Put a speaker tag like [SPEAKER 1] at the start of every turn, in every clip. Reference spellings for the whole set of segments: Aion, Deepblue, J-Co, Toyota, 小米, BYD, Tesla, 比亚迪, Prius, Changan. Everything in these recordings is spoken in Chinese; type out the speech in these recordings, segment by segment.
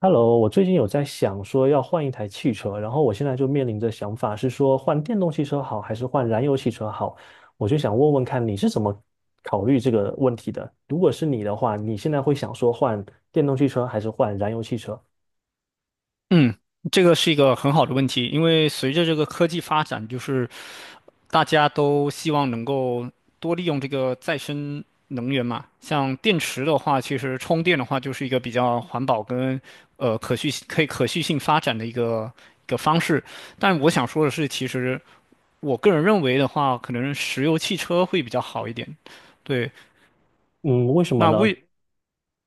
[SPEAKER 1] Hello，我最近有在想说要换一台汽车，然后我现在就面临着想法是说换电动汽车好还是换燃油汽车好，我就想问问看你是怎么考虑这个问题的？如果是你的话，你现在会想说换电动汽车还是换燃油汽车？
[SPEAKER 2] 嗯，这个是一个很好的问题，因为随着这个科技发展，就是大家都希望能够多利用这个再生能源嘛。像电池的话，其实充电的话就是一个比较环保跟可续性发展的一个一个方式。但我想说的是，其实我个人认为的话，可能石油汽车会比较好一点。对，
[SPEAKER 1] 嗯，为什么
[SPEAKER 2] 那
[SPEAKER 1] 呢？
[SPEAKER 2] 为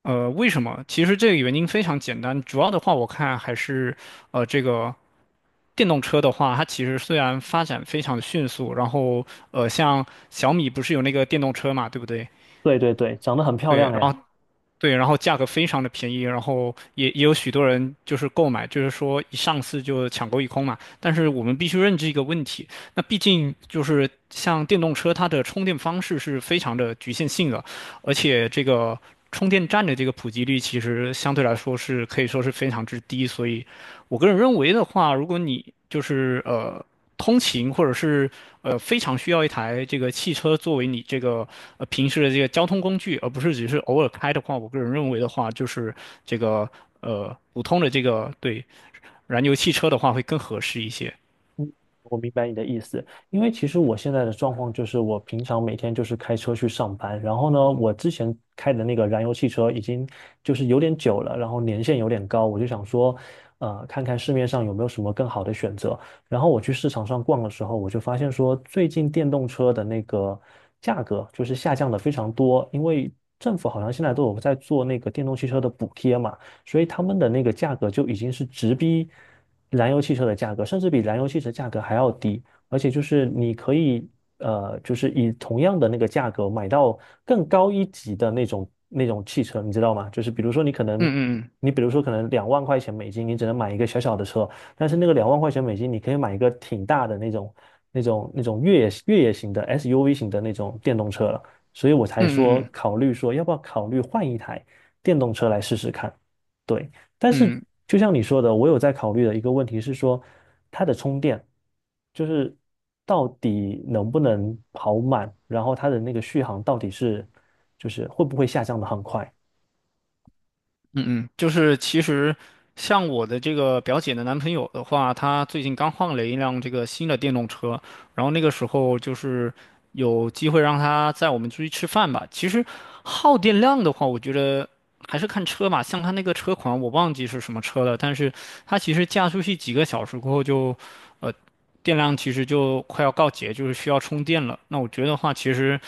[SPEAKER 2] 为什么？其实这个原因非常简单，主要的话我看还是，这个电动车的话，它其实虽然发展非常迅速，然后像小米不是有那个电动车嘛，对不对？
[SPEAKER 1] 对对对，长得很漂
[SPEAKER 2] 对，
[SPEAKER 1] 亮
[SPEAKER 2] 然
[SPEAKER 1] 哎。
[SPEAKER 2] 后对，然后价格非常的便宜，然后也有许多人就是购买，就是说一上市就抢购一空嘛。但是我们必须认知一个问题，那毕竟就是像电动车，它的充电方式是非常的局限性的，而且这个充电站的这个普及率其实相对来说是可以说是非常之低，所以我个人认为的话，如果你就是通勤或者是非常需要一台这个汽车作为你这个平时的这个交通工具，而不是只是偶尔开的话，我个人认为的话，就是这个普通的这个对燃油汽车的话会更合适一些。
[SPEAKER 1] 我明白你的意思，因为其实我现在的状况就是，我平常每天就是开车去上班，然后呢，我之前开的那个燃油汽车已经就是有点久了，然后年限有点高，我就想说，看看市面上有没有什么更好的选择。然后我去市场上逛的时候，我就发现说，最近电动车的那个价格就是下降的非常多，因为政府好像现在都有在做那个电动汽车的补贴嘛，所以他们的那个价格就已经是直逼燃油汽车的价格，甚至比燃油汽车价格还要低，而且就是你可以就是以同样的那个价格买到更高一级的那种汽车，你知道吗？就是比如说你可能。
[SPEAKER 2] 嗯嗯
[SPEAKER 1] 你比如说，可能两万块钱美金，你只能买一个小小的车，但是那个两万块钱美金，你可以买一个挺大的那种、那种、那种越野型的 SUV 型的那种电动车了。所以我才
[SPEAKER 2] 嗯
[SPEAKER 1] 说
[SPEAKER 2] 嗯嗯
[SPEAKER 1] 考虑说要不要考虑换一台电动车来试试看。对，但是
[SPEAKER 2] 嗯嗯。
[SPEAKER 1] 就像你说的，我有在考虑的一个问题是说，它的充电就是到底能不能跑满，然后它的那个续航到底是就是会不会下降的很快？
[SPEAKER 2] 嗯嗯，就是其实像我的这个表姐的男朋友的话，他最近刚换了一辆这个新的电动车，然后那个时候就是有机会让他载我们出去吃饭吧。其实耗电量的话，我觉得还是看车吧，像他那个车款我忘记是什么车了，但是他其实驾出去几个小时过后就，呃，电量其实就快要告竭，就是需要充电了。那我觉得话，其实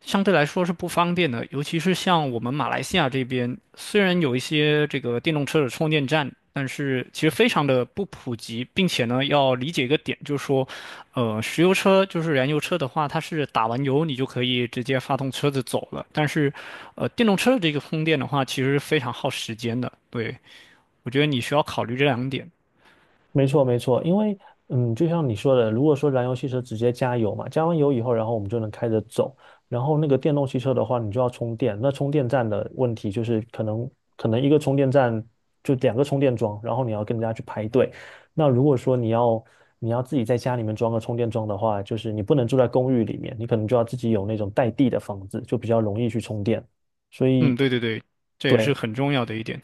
[SPEAKER 2] 相对来说是不方便的，尤其是像我们马来西亚这边，虽然有一些这个电动车的充电站，但是其实非常的不普及，并且呢，要理解一个点，就是说，石油车就是燃油车的话，它是打完油你就可以直接发动车子走了，但是，电动车的这个充电的话，其实非常耗时间的。对，我觉得你需要考虑这两点。
[SPEAKER 1] 没错，没错，因为嗯，就像你说的，如果说燃油汽车直接加油嘛，加完油以后，然后我们就能开着走。然后那个电动汽车的话，你就要充电。那充电站的问题就是，可能一个充电站就两个充电桩，然后你要跟人家去排队。那如果说你要自己在家里面装个充电桩的话，就是你不能住在公寓里面，你可能就要自己有那种带地的房子，就比较容易去充电。所
[SPEAKER 2] 嗯，
[SPEAKER 1] 以，
[SPEAKER 2] 对对对，这也是
[SPEAKER 1] 对，
[SPEAKER 2] 很重要的一点。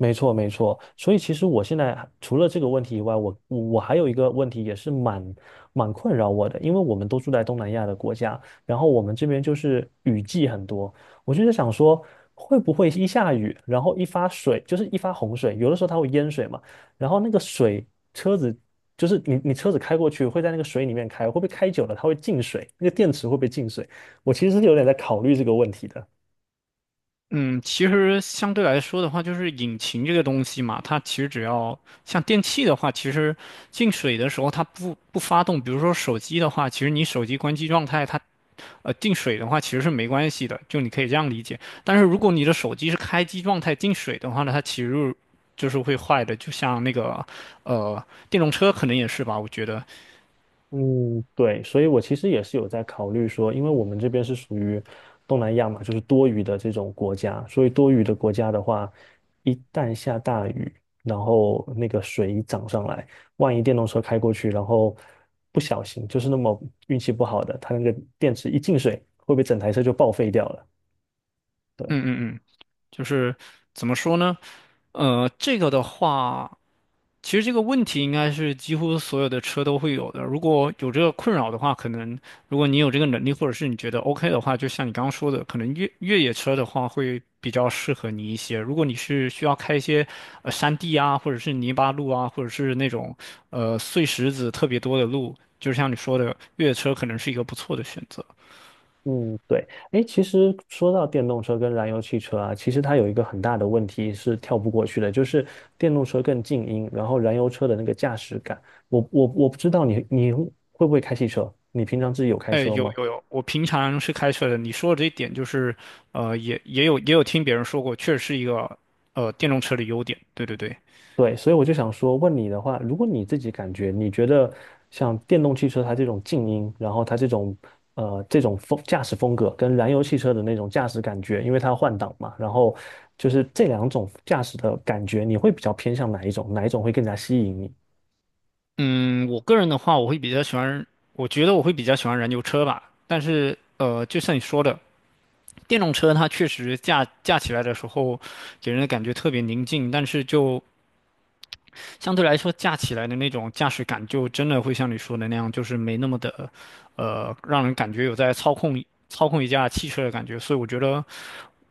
[SPEAKER 1] 没错，没错。所以其实我现在还除了这个问题以外，我还有一个问题也是蛮困扰我的，因为我们都住在东南亚的国家，然后我们这边就是雨季很多，我就在想说，会不会一下雨，然后一发水，就是一发洪水，有的时候它会淹水嘛，然后那个水车子就是你车子开过去会在那个水里面开，会不会开久了它会进水，那个电池会不会进水？我其实是有点在考虑这个问题的。
[SPEAKER 2] 嗯，其实相对来说的话，就是引擎这个东西嘛，它其实只要像电器的话，其实进水的时候它不发动。比如说手机的话，其实你手机关机状态它进水的话其实是没关系的，就你可以这样理解。但是如果你的手机是开机状态进水的话呢，它其实就是会坏的，就像那个电动车可能也是吧，我觉得，
[SPEAKER 1] 嗯，对，所以我其实也是有在考虑说，因为我们这边是属于东南亚嘛，就是多雨的这种国家，所以多雨的国家的话，一旦下大雨，然后那个水一涨上来，万一电动车开过去，然后不小心就是那么运气不好的，它那个电池一进水，会不会整台车就报废掉了？对。
[SPEAKER 2] 嗯嗯嗯，就是怎么说呢？这个的话。其实这个问题应该是几乎所有的车都会有的。如果有这个困扰的话，可能如果你有这个能力，或者是你觉得 OK 的话，就像你刚刚说的，可能越野车的话会比较适合你一些。如果你是需要开一些山地啊，或者是泥巴路啊，或者是那种碎石子特别多的路，就像你说的，越野车可能是一个不错的选择。
[SPEAKER 1] 嗯，对，哎，其实说到电动车跟燃油汽车啊，其实它有一个很大的问题是跳不过去的，就是电动车更静音，然后燃油车的那个驾驶感。我不知道你会不会开汽车，你平常自己有开
[SPEAKER 2] 哎，
[SPEAKER 1] 车
[SPEAKER 2] 有
[SPEAKER 1] 吗？
[SPEAKER 2] 有有，我平常是开车的。你说的这一点就是，也有听别人说过，确实是一个电动车的优点。对对对。
[SPEAKER 1] 对，所以我就想说，问你的话，如果你自己感觉，你觉得像电动汽车它这种静音，然后它这种这种风驾驶风格，跟燃油汽车的那种驾驶感觉，因为它要换挡嘛，然后就是这两种驾驶的感觉，你会比较偏向哪一种？哪一种会更加吸引你？
[SPEAKER 2] 嗯，我个人的话，我会比较喜欢，我觉得我会比较喜欢燃油车吧。但是，就像你说的，电动车它确实驾起来的时候，给人的感觉特别宁静，但是就相对来说驾起来的那种驾驶感，就真的会像你说的那样，就是没那么的，让人感觉有在操控一架汽车的感觉。所以我觉得，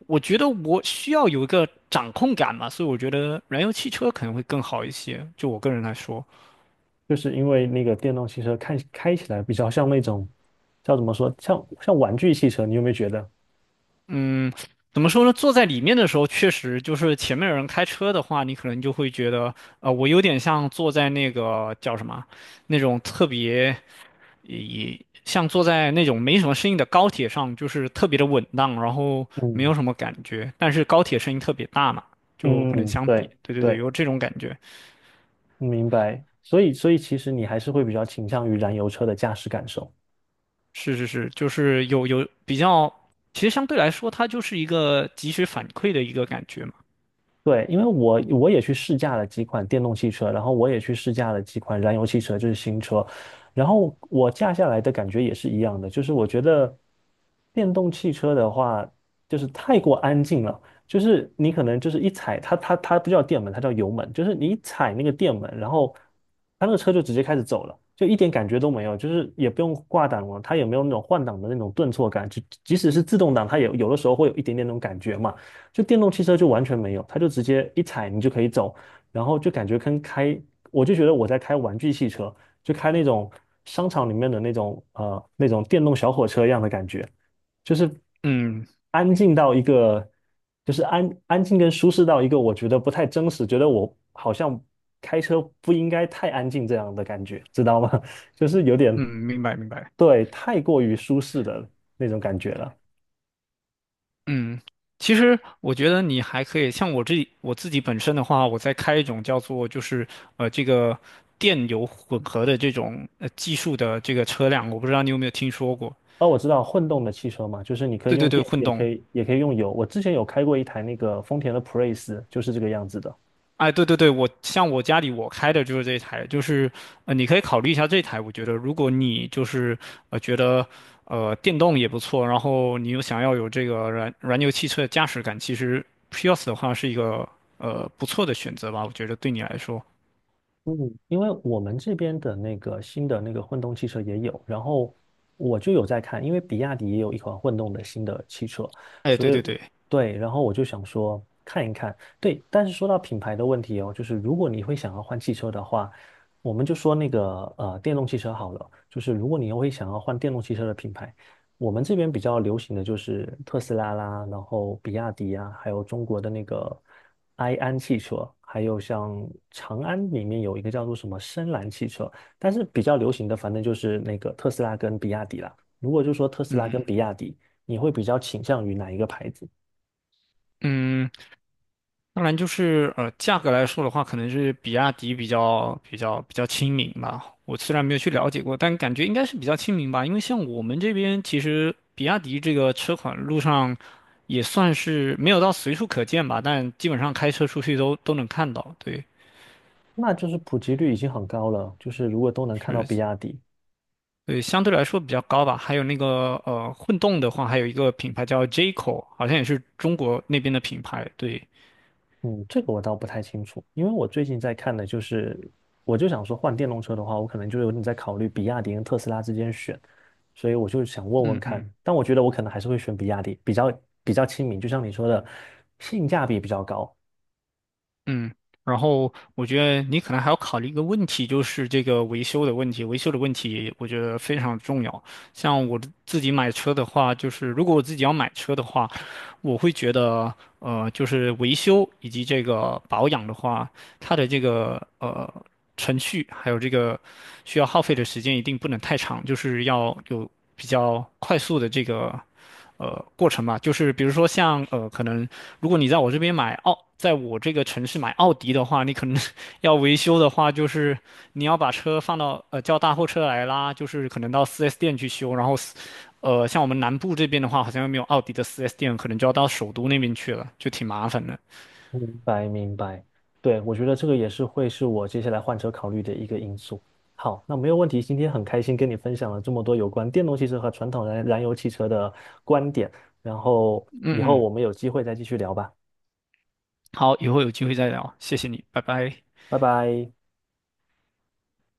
[SPEAKER 2] 我觉得我需要有一个掌控感嘛，所以我觉得燃油汽车可能会更好一些，就我个人来说。
[SPEAKER 1] 就是因为那个电动汽车看开起来比较像那种叫怎么说，像玩具汽车，你有没有觉得？
[SPEAKER 2] 嗯，怎么说呢？坐在里面的时候，确实就是前面有人开车的话，你可能就会觉得，我有点像坐在那个叫什么，那种特别，也像坐在那种没什么声音的高铁上，就是特别的稳当，然后没有
[SPEAKER 1] 嗯
[SPEAKER 2] 什么感觉。但是高铁声音特别大嘛，就不能
[SPEAKER 1] 嗯，
[SPEAKER 2] 相比。
[SPEAKER 1] 对
[SPEAKER 2] 对对对，
[SPEAKER 1] 对。
[SPEAKER 2] 有这种感觉。
[SPEAKER 1] 明白。所以，所以其实你还是会比较倾向于燃油车的驾驶感受。
[SPEAKER 2] 是是是，就是有有比较，其实相对来说，它就是一个及时反馈的一个感觉嘛。
[SPEAKER 1] 对，因为我也去试驾了几款电动汽车，然后我也去试驾了几款燃油汽车，就是新车，然后我驾下来的感觉也是一样的，就是我觉得电动汽车的话，就是太过安静了，就是你可能就是一踩它，它不叫电门，它叫油门，就是你一踩那个电门，然后它那个车就直接开始走了，就一点感觉都没有，就是也不用挂挡了，它也没有那种换挡的那种顿挫感，就即使是自动挡，它也有的时候会有一点点那种感觉嘛。就电动汽车就完全没有，它就直接一踩你就可以走，然后就感觉跟开，我就觉得我在开玩具汽车，就开那种商场里面的那种那种电动小火车一样的感觉，就是
[SPEAKER 2] 嗯
[SPEAKER 1] 安静到一个，就是安安静跟舒适到一个我觉得不太真实，觉得我好像开车不应该太安静这样的感觉，知道吗？就是有点
[SPEAKER 2] 嗯，明白明白。
[SPEAKER 1] 对太过于舒适的那种感觉了。
[SPEAKER 2] 嗯，其实我觉得你还可以，像我我自己本身的话，我在开一种叫做就是这个电油混合的这种技术的这个车辆，我不知道你有没有听说过？
[SPEAKER 1] 哦，我知道混动的汽车嘛，就是你可以
[SPEAKER 2] 对对
[SPEAKER 1] 用
[SPEAKER 2] 对，
[SPEAKER 1] 电，
[SPEAKER 2] 混
[SPEAKER 1] 也可
[SPEAKER 2] 动。
[SPEAKER 1] 以也可以用油。我之前有开过一台那个丰田的普锐斯，就是这个样子的。
[SPEAKER 2] 哎，对对对，我像我家里我开的就是这台，就是你可以考虑一下这台，我觉得如果你就是觉得电动也不错，然后你又想要有这个燃油汽车的驾驶感，其实 Prius 的话是一个不错的选择吧，我觉得对你来说。
[SPEAKER 1] 嗯，因为我们这边的那个新的那个混动汽车也有，然后我就有在看，因为比亚迪也有一款混动的新的汽车，
[SPEAKER 2] 哎，
[SPEAKER 1] 所
[SPEAKER 2] 对
[SPEAKER 1] 以
[SPEAKER 2] 对对，
[SPEAKER 1] 对，然后我就想说看一看。对，但是说到品牌的问题哦，就是如果你会想要换汽车的话，我们就说那个电动汽车好了，就是如果你会想要换电动汽车的品牌。我们这边比较流行的就是特斯拉啦，然后比亚迪啊，还有中国的那个埃安汽车，还有像长安里面有一个叫做什么深蓝汽车，但是比较流行的反正就是那个特斯拉跟比亚迪啦。如果就说特斯拉跟
[SPEAKER 2] 嗯
[SPEAKER 1] 比亚迪，你会比较倾向于哪一个牌子？
[SPEAKER 2] 嗯，当然就是价格来说的话，可能是比亚迪比较亲民吧。我虽然没有去了解过，但感觉应该是比较亲民吧。因为像我们这边，其实比亚迪这个车款路上也算是没有到随处可见吧，但基本上开车出去都能看到。对，
[SPEAKER 1] 那就是普及率已经很高了，就是如果都能看到比
[SPEAKER 2] 是，
[SPEAKER 1] 亚迪，
[SPEAKER 2] 对，相对来说比较高吧。还有那个混动的话，还有一个品牌叫 J-Co,好像也是中国那边的品牌。对。
[SPEAKER 1] 嗯，这个我倒不太清楚，因为我最近在看的就是，我就想说换电动车的话，我可能就有点在考虑比亚迪跟特斯拉之间选，所以我就想问问看，但我觉得我可能还是会选比亚迪，比较亲民，就像你说的，性价比比较高。
[SPEAKER 2] 嗯，然后我觉得你可能还要考虑一个问题，就是这个维修的问题。维修的问题，我觉得非常重要。像我自己买车的话，就是如果我自己要买车的话，我会觉得，就是维修以及这个保养的话，它的这个程序还有这个需要耗费的时间一定不能太长，就是要有比较快速的这个过程嘛。就是比如说像可能如果你在我这边在我这个城市买奥迪的话，你可能 要维修的话，就是你要把车放到叫大货车来拉，就是可能到 4S 店去修，然后四呃，像我们南部这边的话，好像又没有奥迪的 4S 店，可能就要到首都那边去了，就挺麻烦的。
[SPEAKER 1] 明白，明白。对，我觉得这个也是会是我接下来换车考虑的一个因素。好，那没有问题，今天很开心跟你分享了这么多有关电动汽车和传统燃油汽车的观点，然后以
[SPEAKER 2] 嗯
[SPEAKER 1] 后
[SPEAKER 2] 嗯，
[SPEAKER 1] 我们有机会再继续聊吧，
[SPEAKER 2] 好，以后有机会再聊，谢谢你，拜拜。
[SPEAKER 1] 拜拜。